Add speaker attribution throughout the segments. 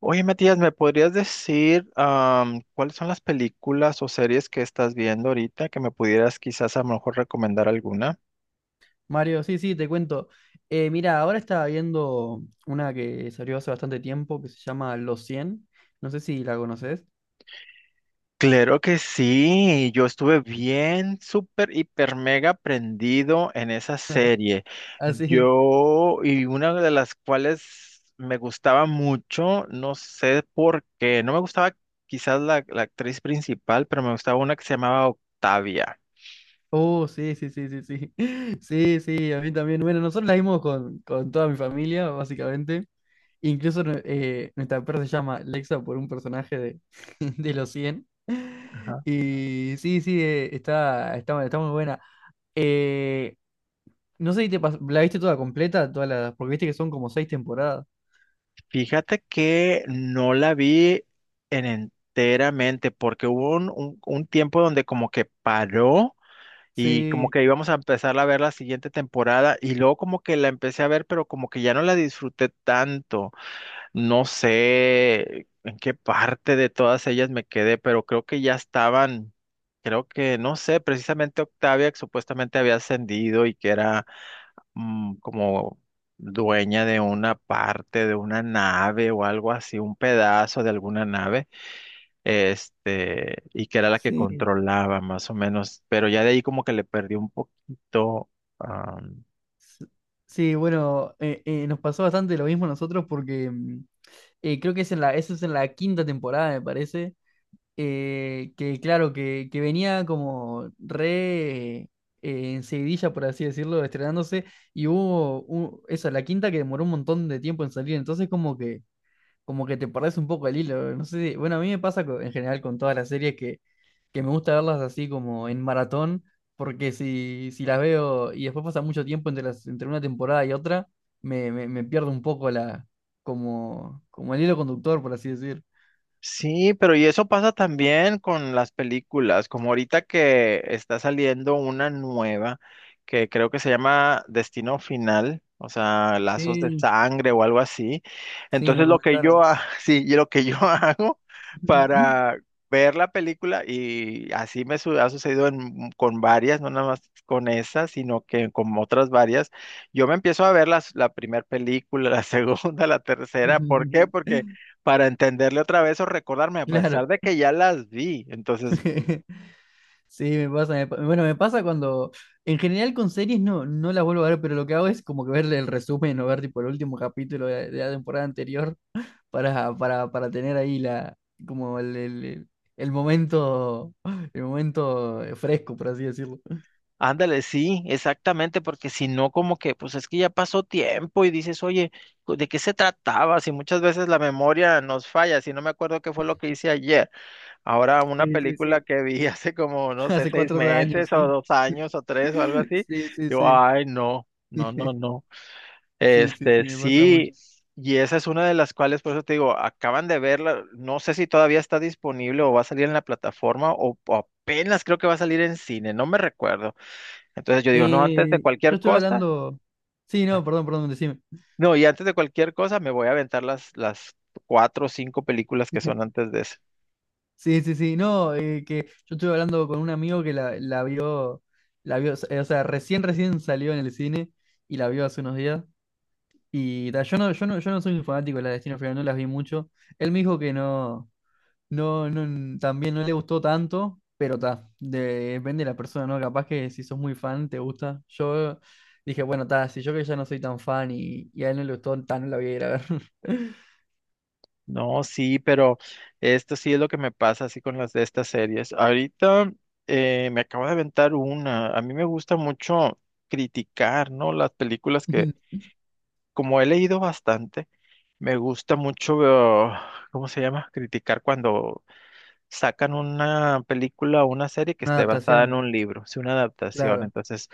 Speaker 1: Oye, Matías, ¿me podrías decir cuáles son las películas o series que estás viendo ahorita que me pudieras quizás a lo mejor recomendar alguna?
Speaker 2: Mario, sí, sí, te cuento. Mira, ahora estaba viendo una que salió hace bastante tiempo que se llama Los cien. No sé si la conoces.
Speaker 1: Claro que sí, yo estuve bien, súper, hiper, mega prendido en esa serie.
Speaker 2: Ah, sí.
Speaker 1: Yo, y una de las cuales me gustaba mucho, no sé por qué, no me gustaba quizás la actriz principal, pero me gustaba una que se llamaba Octavia.
Speaker 2: Oh, sí, sí, sí, sí, sí. Sí, sí, a mí también. Bueno, nosotros la vimos con toda mi familia, básicamente. Incluso nuestra perra se llama Lexa por un personaje de, de Los cien.
Speaker 1: Ajá.
Speaker 2: Y sí, sí, está muy buena. Eh, no sé si la viste toda completa, todas las, porque viste que son como seis temporadas.
Speaker 1: Fíjate que no la vi en enteramente porque hubo un tiempo donde como que paró y como
Speaker 2: Sí,
Speaker 1: que íbamos a empezar a ver la siguiente temporada y luego como que la empecé a ver pero como que ya no la disfruté tanto. No sé en qué parte de todas ellas me quedé, pero creo que ya estaban, creo que, no sé, precisamente Octavia que supuestamente había ascendido y que era como dueña de una parte de una nave o algo así, un pedazo de alguna nave, y que era la que
Speaker 2: sí,
Speaker 1: controlaba más o menos, pero ya de ahí como que le perdí un poquito.
Speaker 2: s- sí, bueno, nos pasó bastante lo mismo a nosotros porque creo que es en la, eso es en la quinta temporada, me parece, que claro, que venía como re en seguidilla, por así decirlo, estrenándose, y hubo eso, la quinta que demoró un montón de tiempo en salir, entonces como que te perdés un poco el hilo. No sé bueno, a mí me pasa en general con todas las series que me gusta verlas así como en maratón, porque si las veo y después pasa mucho tiempo entre las, entre una temporada y otra, me pierdo un poco la, como el hilo conductor, por así decir.
Speaker 1: Sí, pero y eso pasa también con las películas, como ahorita que está saliendo una nueva que creo que se llama Destino Final, o sea, Lazos de
Speaker 2: Sí.
Speaker 1: Sangre o algo así.
Speaker 2: Sí, me
Speaker 1: Entonces lo que yo,
Speaker 2: comentaron.
Speaker 1: ha- sí, y lo que yo hago para ver la película, y así ha sucedido con varias, no nada más con esa, sino que con otras varias, yo me empiezo a ver la primera película, la segunda, la tercera, ¿por qué? Porque para entenderle otra vez o recordarme, a
Speaker 2: Claro.
Speaker 1: pesar de que ya las vi. Entonces,
Speaker 2: Sí, me pasa, bueno, me pasa cuando, en general con series no, no las vuelvo a ver, pero lo que hago es como que verle el resumen o ver tipo el último capítulo de la temporada anterior para tener ahí la, como el momento, el momento fresco, por así decirlo.
Speaker 1: ándale, sí, exactamente, porque si no, como que, pues es que ya pasó tiempo y dices, oye, ¿de qué se trataba? Si muchas veces la memoria nos falla, si no me acuerdo qué fue lo que hice ayer. Ahora, una
Speaker 2: Sí, sí,
Speaker 1: película
Speaker 2: sí.
Speaker 1: que vi hace como, no sé,
Speaker 2: Hace
Speaker 1: seis
Speaker 2: 4 años,
Speaker 1: meses o
Speaker 2: sí.
Speaker 1: dos años o tres o algo así,
Speaker 2: Sí, sí,
Speaker 1: yo,
Speaker 2: sí.
Speaker 1: ay, no, no, no, no.
Speaker 2: Sí, sí, sí, me pasa mucho.
Speaker 1: Sí, y esa es una de las cuales, por eso te digo, acaban de verla, no sé si todavía está disponible o va a salir en la plataforma o apenas creo que va a salir en cine, no me recuerdo. Entonces yo digo, no, antes de
Speaker 2: Yo
Speaker 1: cualquier
Speaker 2: estoy
Speaker 1: cosa,
Speaker 2: hablando. Sí, no, perdón, perdón, decime.
Speaker 1: no, y antes de cualquier cosa me voy a aventar las cuatro o cinco películas que son antes de eso.
Speaker 2: Sí, sí, sí. No, que yo estuve hablando con un amigo que la vio, o sea, recién, recién salió en el cine y la vio hace unos días. Y ta, yo no soy un fanático de la Destino Final, no las vi mucho. Él me dijo que no, no, no, también no le gustó tanto, pero ta, depende de la persona, ¿no? Capaz que si sos muy fan, te gusta. Yo dije, bueno, ta, si yo que ya no soy tan fan y a él no le gustó, ta, no la voy a ir a ver.
Speaker 1: No, sí, pero esto sí es lo que me pasa así con las de estas series. Ahorita me acabo de aventar una, a mí me gusta mucho criticar, ¿no? Las películas que como he leído bastante, me gusta mucho, ¿cómo se llama? Criticar cuando sacan una película o una serie que
Speaker 2: Una
Speaker 1: esté basada en
Speaker 2: adaptación,
Speaker 1: un libro, es una adaptación,
Speaker 2: claro.
Speaker 1: entonces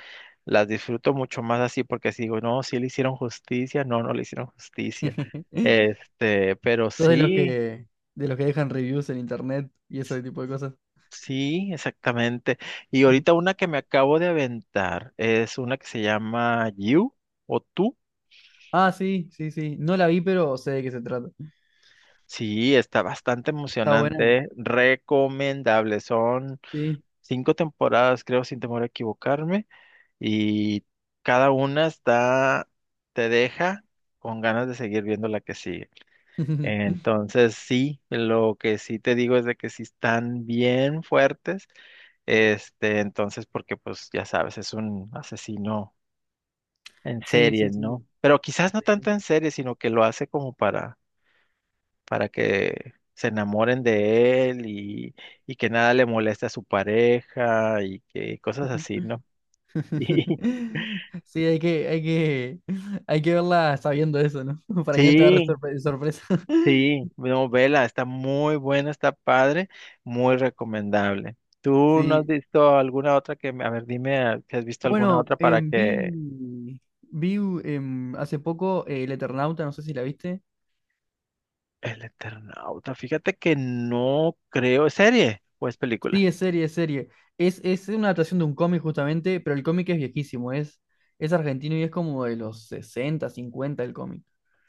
Speaker 1: las disfruto mucho más así porque si digo, no, sí le hicieron justicia, no, no le hicieron justicia, pero
Speaker 2: Sos
Speaker 1: sí,
Speaker 2: de los que dejan reviews en internet y ese tipo de cosas.
Speaker 1: sí, exactamente. Y ahorita una que me acabo de aventar es una que se llama You o Tú.
Speaker 2: Ah, sí, sí, sí. No la vi, pero sé de qué se trata.
Speaker 1: Sí, está bastante
Speaker 2: Está buena.
Speaker 1: emocionante, ¿eh? Recomendable. Son
Speaker 2: Sí.
Speaker 1: cinco temporadas, creo, sin temor a equivocarme, y cada una está, te deja con ganas de seguir viendo la que sigue. Entonces, sí, lo que sí te digo es de que sí están bien fuertes, entonces, porque pues ya sabes, es un asesino en
Speaker 2: Sí, sí,
Speaker 1: serie, ¿no?
Speaker 2: sí.
Speaker 1: Pero quizás no
Speaker 2: Sí.
Speaker 1: tanto en serie, sino que lo hace como para que se enamoren de él y que nada le moleste a su pareja y que cosas así, ¿no? Y-
Speaker 2: Sí, hay que verla sabiendo eso, ¿no? Para que no te agarre
Speaker 1: Sí,
Speaker 2: sorpresa.
Speaker 1: sí, no, vela, está muy buena, está padre, muy recomendable. ¿Tú no has
Speaker 2: Sí.
Speaker 1: visto alguna otra que, me- a ver, dime si has visto alguna
Speaker 2: Bueno,
Speaker 1: otra para que
Speaker 2: vi hace poco El Eternauta, no sé si la viste.
Speaker 1: El Eternauta, fíjate que no creo, ¿es serie o es película?
Speaker 2: Sí, es serie, es serie. Es una adaptación de un cómic justamente, pero el cómic es viejísimo, es argentino y es como de los 60, 50 el cómic.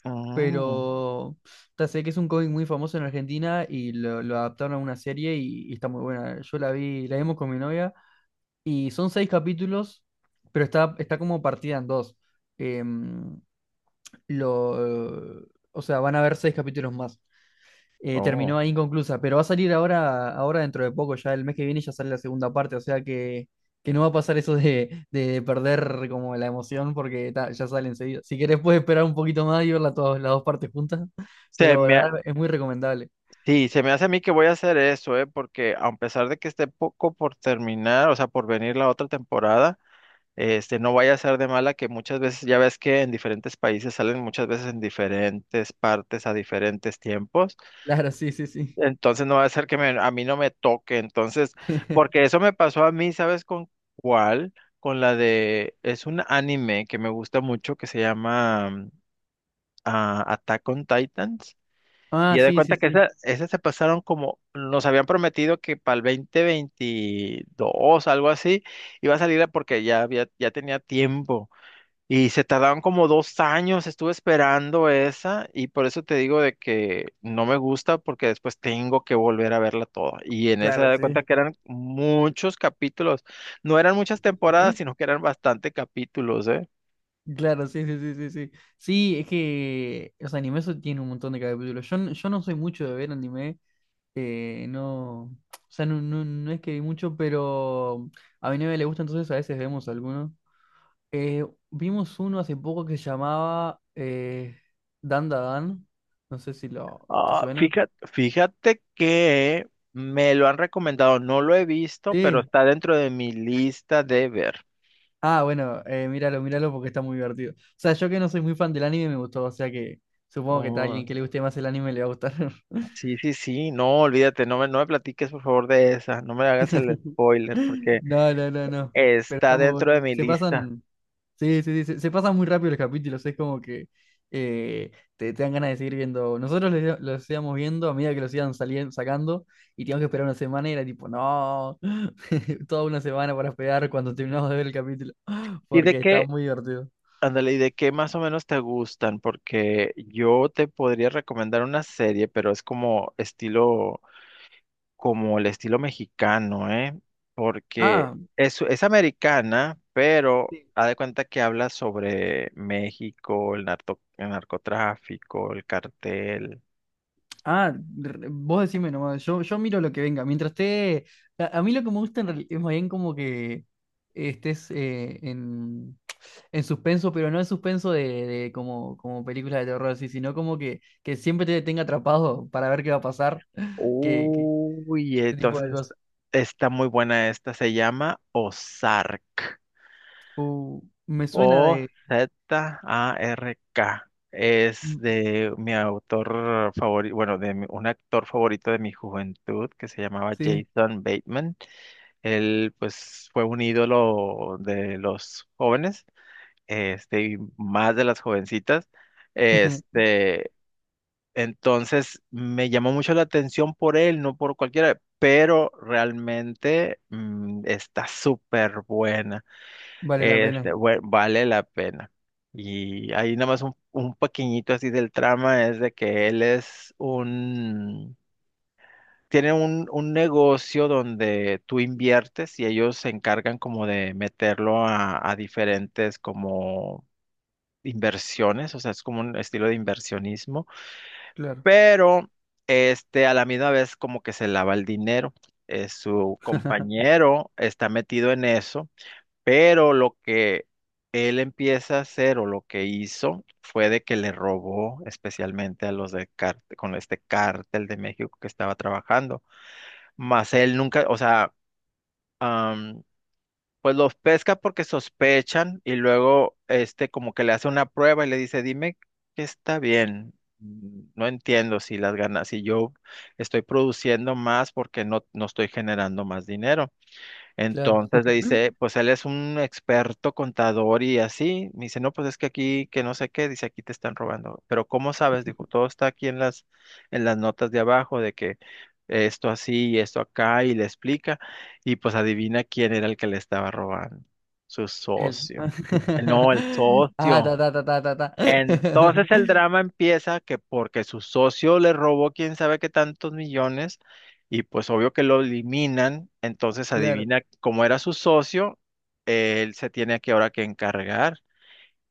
Speaker 1: Mm,
Speaker 2: Pero ta, sé que es un cómic muy famoso en Argentina y lo adaptaron a una serie y está muy buena. Yo la vi, la vimos con mi novia y son seis capítulos, pero está como partida en dos. Em, lo, o sea, van a haber seis capítulos más. Terminó
Speaker 1: oh.
Speaker 2: ahí inconclusa, pero va a salir ahora dentro de poco, ya el mes que viene ya sale la segunda parte, o sea que no va a pasar eso de perder como la emoción porque ta, ya sale enseguida. Si querés puedes esperar un poquito más y verla todas las dos partes juntas,
Speaker 1: Se
Speaker 2: pero
Speaker 1: me,
Speaker 2: la
Speaker 1: ha-
Speaker 2: verdad es muy recomendable.
Speaker 1: sí, se me hace a mí que voy a hacer eso, ¿eh? Porque a pesar de que esté poco por terminar, o sea, por venir la otra temporada, no vaya a ser de mala que muchas veces, ya ves que en diferentes países salen muchas veces en diferentes partes a diferentes tiempos,
Speaker 2: Claro, sí, sí, sí.
Speaker 1: entonces no va a ser que me- a mí no me toque, entonces, porque eso me pasó a mí, ¿sabes con cuál? Con la de, es un anime que me gusta mucho que se llama Attack on Titans, y
Speaker 2: Ah,
Speaker 1: ya de
Speaker 2: sí, sí,
Speaker 1: cuenta que
Speaker 2: sí.
Speaker 1: esa se pasaron como, nos habían prometido que para el 2022, algo así, iba a salir porque ya había, ya tenía tiempo. Y se tardaron como 2 años, estuve esperando esa y por eso te digo de que no me gusta porque después tengo que volver a verla toda. Y en esa
Speaker 2: Claro,
Speaker 1: de cuenta
Speaker 2: sí.
Speaker 1: que eran muchos capítulos, no eran muchas temporadas, sino que eran bastante capítulos, ¿eh?
Speaker 2: Claro, sí, sí, sí, sí, sí. Sí, es que los animes tienen un montón de capítulos. Yo no soy mucho de ver anime. No, o sea, no, no, no es que vi mucho, pero a mi novia le gusta, entonces a veces vemos algunos. Eh, vimos uno hace poco que se llamaba Dan Da Dan. No sé si lo te
Speaker 1: Ah,
Speaker 2: suena.
Speaker 1: fíjate, fíjate que me lo han recomendado, no lo he visto, pero
Speaker 2: Sí.
Speaker 1: está dentro de mi lista de ver.
Speaker 2: Ah, bueno, míralo, míralo porque está muy divertido. O sea, yo que no soy muy fan del anime me gustó, o sea que supongo que a
Speaker 1: Oh,
Speaker 2: alguien que le guste más el anime le va a gustar.
Speaker 1: sí, sí, sí, no, olvídate, no me platiques por favor de esa, no me hagas el spoiler.
Speaker 2: No, no, no, no. Pero
Speaker 1: Está
Speaker 2: está muy bueno.
Speaker 1: dentro de mi
Speaker 2: Se
Speaker 1: lista.
Speaker 2: pasan. Sí, sí, sí, se pasa muy rápido los capítulos, es como que eh, te dan ganas de seguir viendo. Nosotros los íbamos viendo a medida que los iban saliendo, sacando y teníamos que esperar una semana y era tipo, no, toda una semana para esperar cuando terminamos de ver el capítulo,
Speaker 1: ¿Y de
Speaker 2: porque está
Speaker 1: qué,
Speaker 2: muy divertido.
Speaker 1: ándale, ¿y de qué más o menos te gustan? Porque yo te podría recomendar una serie, pero es como estilo, como el estilo mexicano, ¿eh? Porque
Speaker 2: Ah,
Speaker 1: es americana, pero
Speaker 2: sí.
Speaker 1: haz de cuenta que habla sobre México, el narcotráfico, el cartel.
Speaker 2: Ah, vos decime nomás, yo miro lo que venga. Mientras esté. A mí lo que me gusta es más bien como que estés en suspenso, pero no en suspenso de como, como película de terror así, sino como que siempre te tenga atrapado para ver qué va a pasar. Que
Speaker 1: Uy,
Speaker 2: ese tipo de
Speaker 1: entonces
Speaker 2: cosas.
Speaker 1: está muy buena esta. Se llama Ozark.
Speaker 2: Me suena de.
Speaker 1: O-Z-A-R-K. Es
Speaker 2: Mm,
Speaker 1: de mi autor favorito, bueno, un actor favorito de mi juventud que se llamaba
Speaker 2: sí,
Speaker 1: Jason Bateman. Él, pues, fue un ídolo de los jóvenes, este, y más de las jovencitas. Este, entonces me llamó mucho la atención por él, no por cualquiera, pero realmente está súper buena.
Speaker 2: vale la pena.
Speaker 1: Vale la pena. Y ahí nada más un pequeñito así del trama es de que él es un, tiene un negocio donde tú inviertes y ellos se encargan como de meterlo a diferentes como inversiones, o sea, es como un estilo de inversionismo
Speaker 2: Claro.
Speaker 1: pero este a la misma vez como que se lava el dinero. Su compañero está metido en eso, pero lo que él empieza a hacer o lo que hizo fue de que le robó especialmente a los de cártel, con este cártel de México que estaba trabajando. Más él nunca, o sea, pues los pesca porque sospechan y luego como que le hace una prueba y le dice, dime que está bien. Mm. No entiendo si las ganas, si yo estoy produciendo más porque no, no estoy generando más dinero.
Speaker 2: Claro.
Speaker 1: Entonces le dice, pues él es un experto contador y así. Me dice, no, pues es que aquí, que no sé qué, dice, aquí te están robando. Pero ¿cómo sabes? Dijo, todo está aquí en las, notas de abajo de que esto así y esto acá y le explica. Y pues adivina quién era el que le estaba robando. Su
Speaker 2: Él.
Speaker 1: socio. No, el
Speaker 2: Ah,
Speaker 1: socio.
Speaker 2: ta, ta, ta, ta, ta, ta.
Speaker 1: Entonces el drama empieza que porque su socio le robó quién sabe qué tantos millones y pues obvio que lo eliminan, entonces
Speaker 2: Claro.
Speaker 1: adivina cómo era su socio, él se tiene aquí ahora que encargar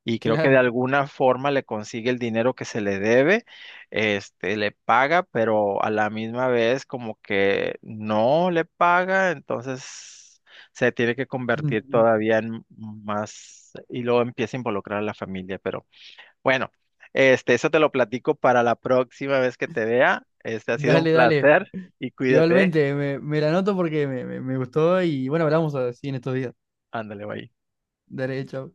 Speaker 1: y creo que de
Speaker 2: Claro.
Speaker 1: alguna forma le consigue el dinero que se le debe, le paga, pero a la misma vez como que no le paga, entonces se tiene que convertir todavía en más y luego empieza a involucrar a la familia, pero bueno, eso te lo platico para la próxima vez que te vea. Este ha sido un
Speaker 2: Dale, dale.
Speaker 1: placer y cuídate. ¿Eh?
Speaker 2: Igualmente, me la anoto porque me gustó y bueno, hablamos así en estos días.
Speaker 1: Ándale, bye.
Speaker 2: Dale, chao.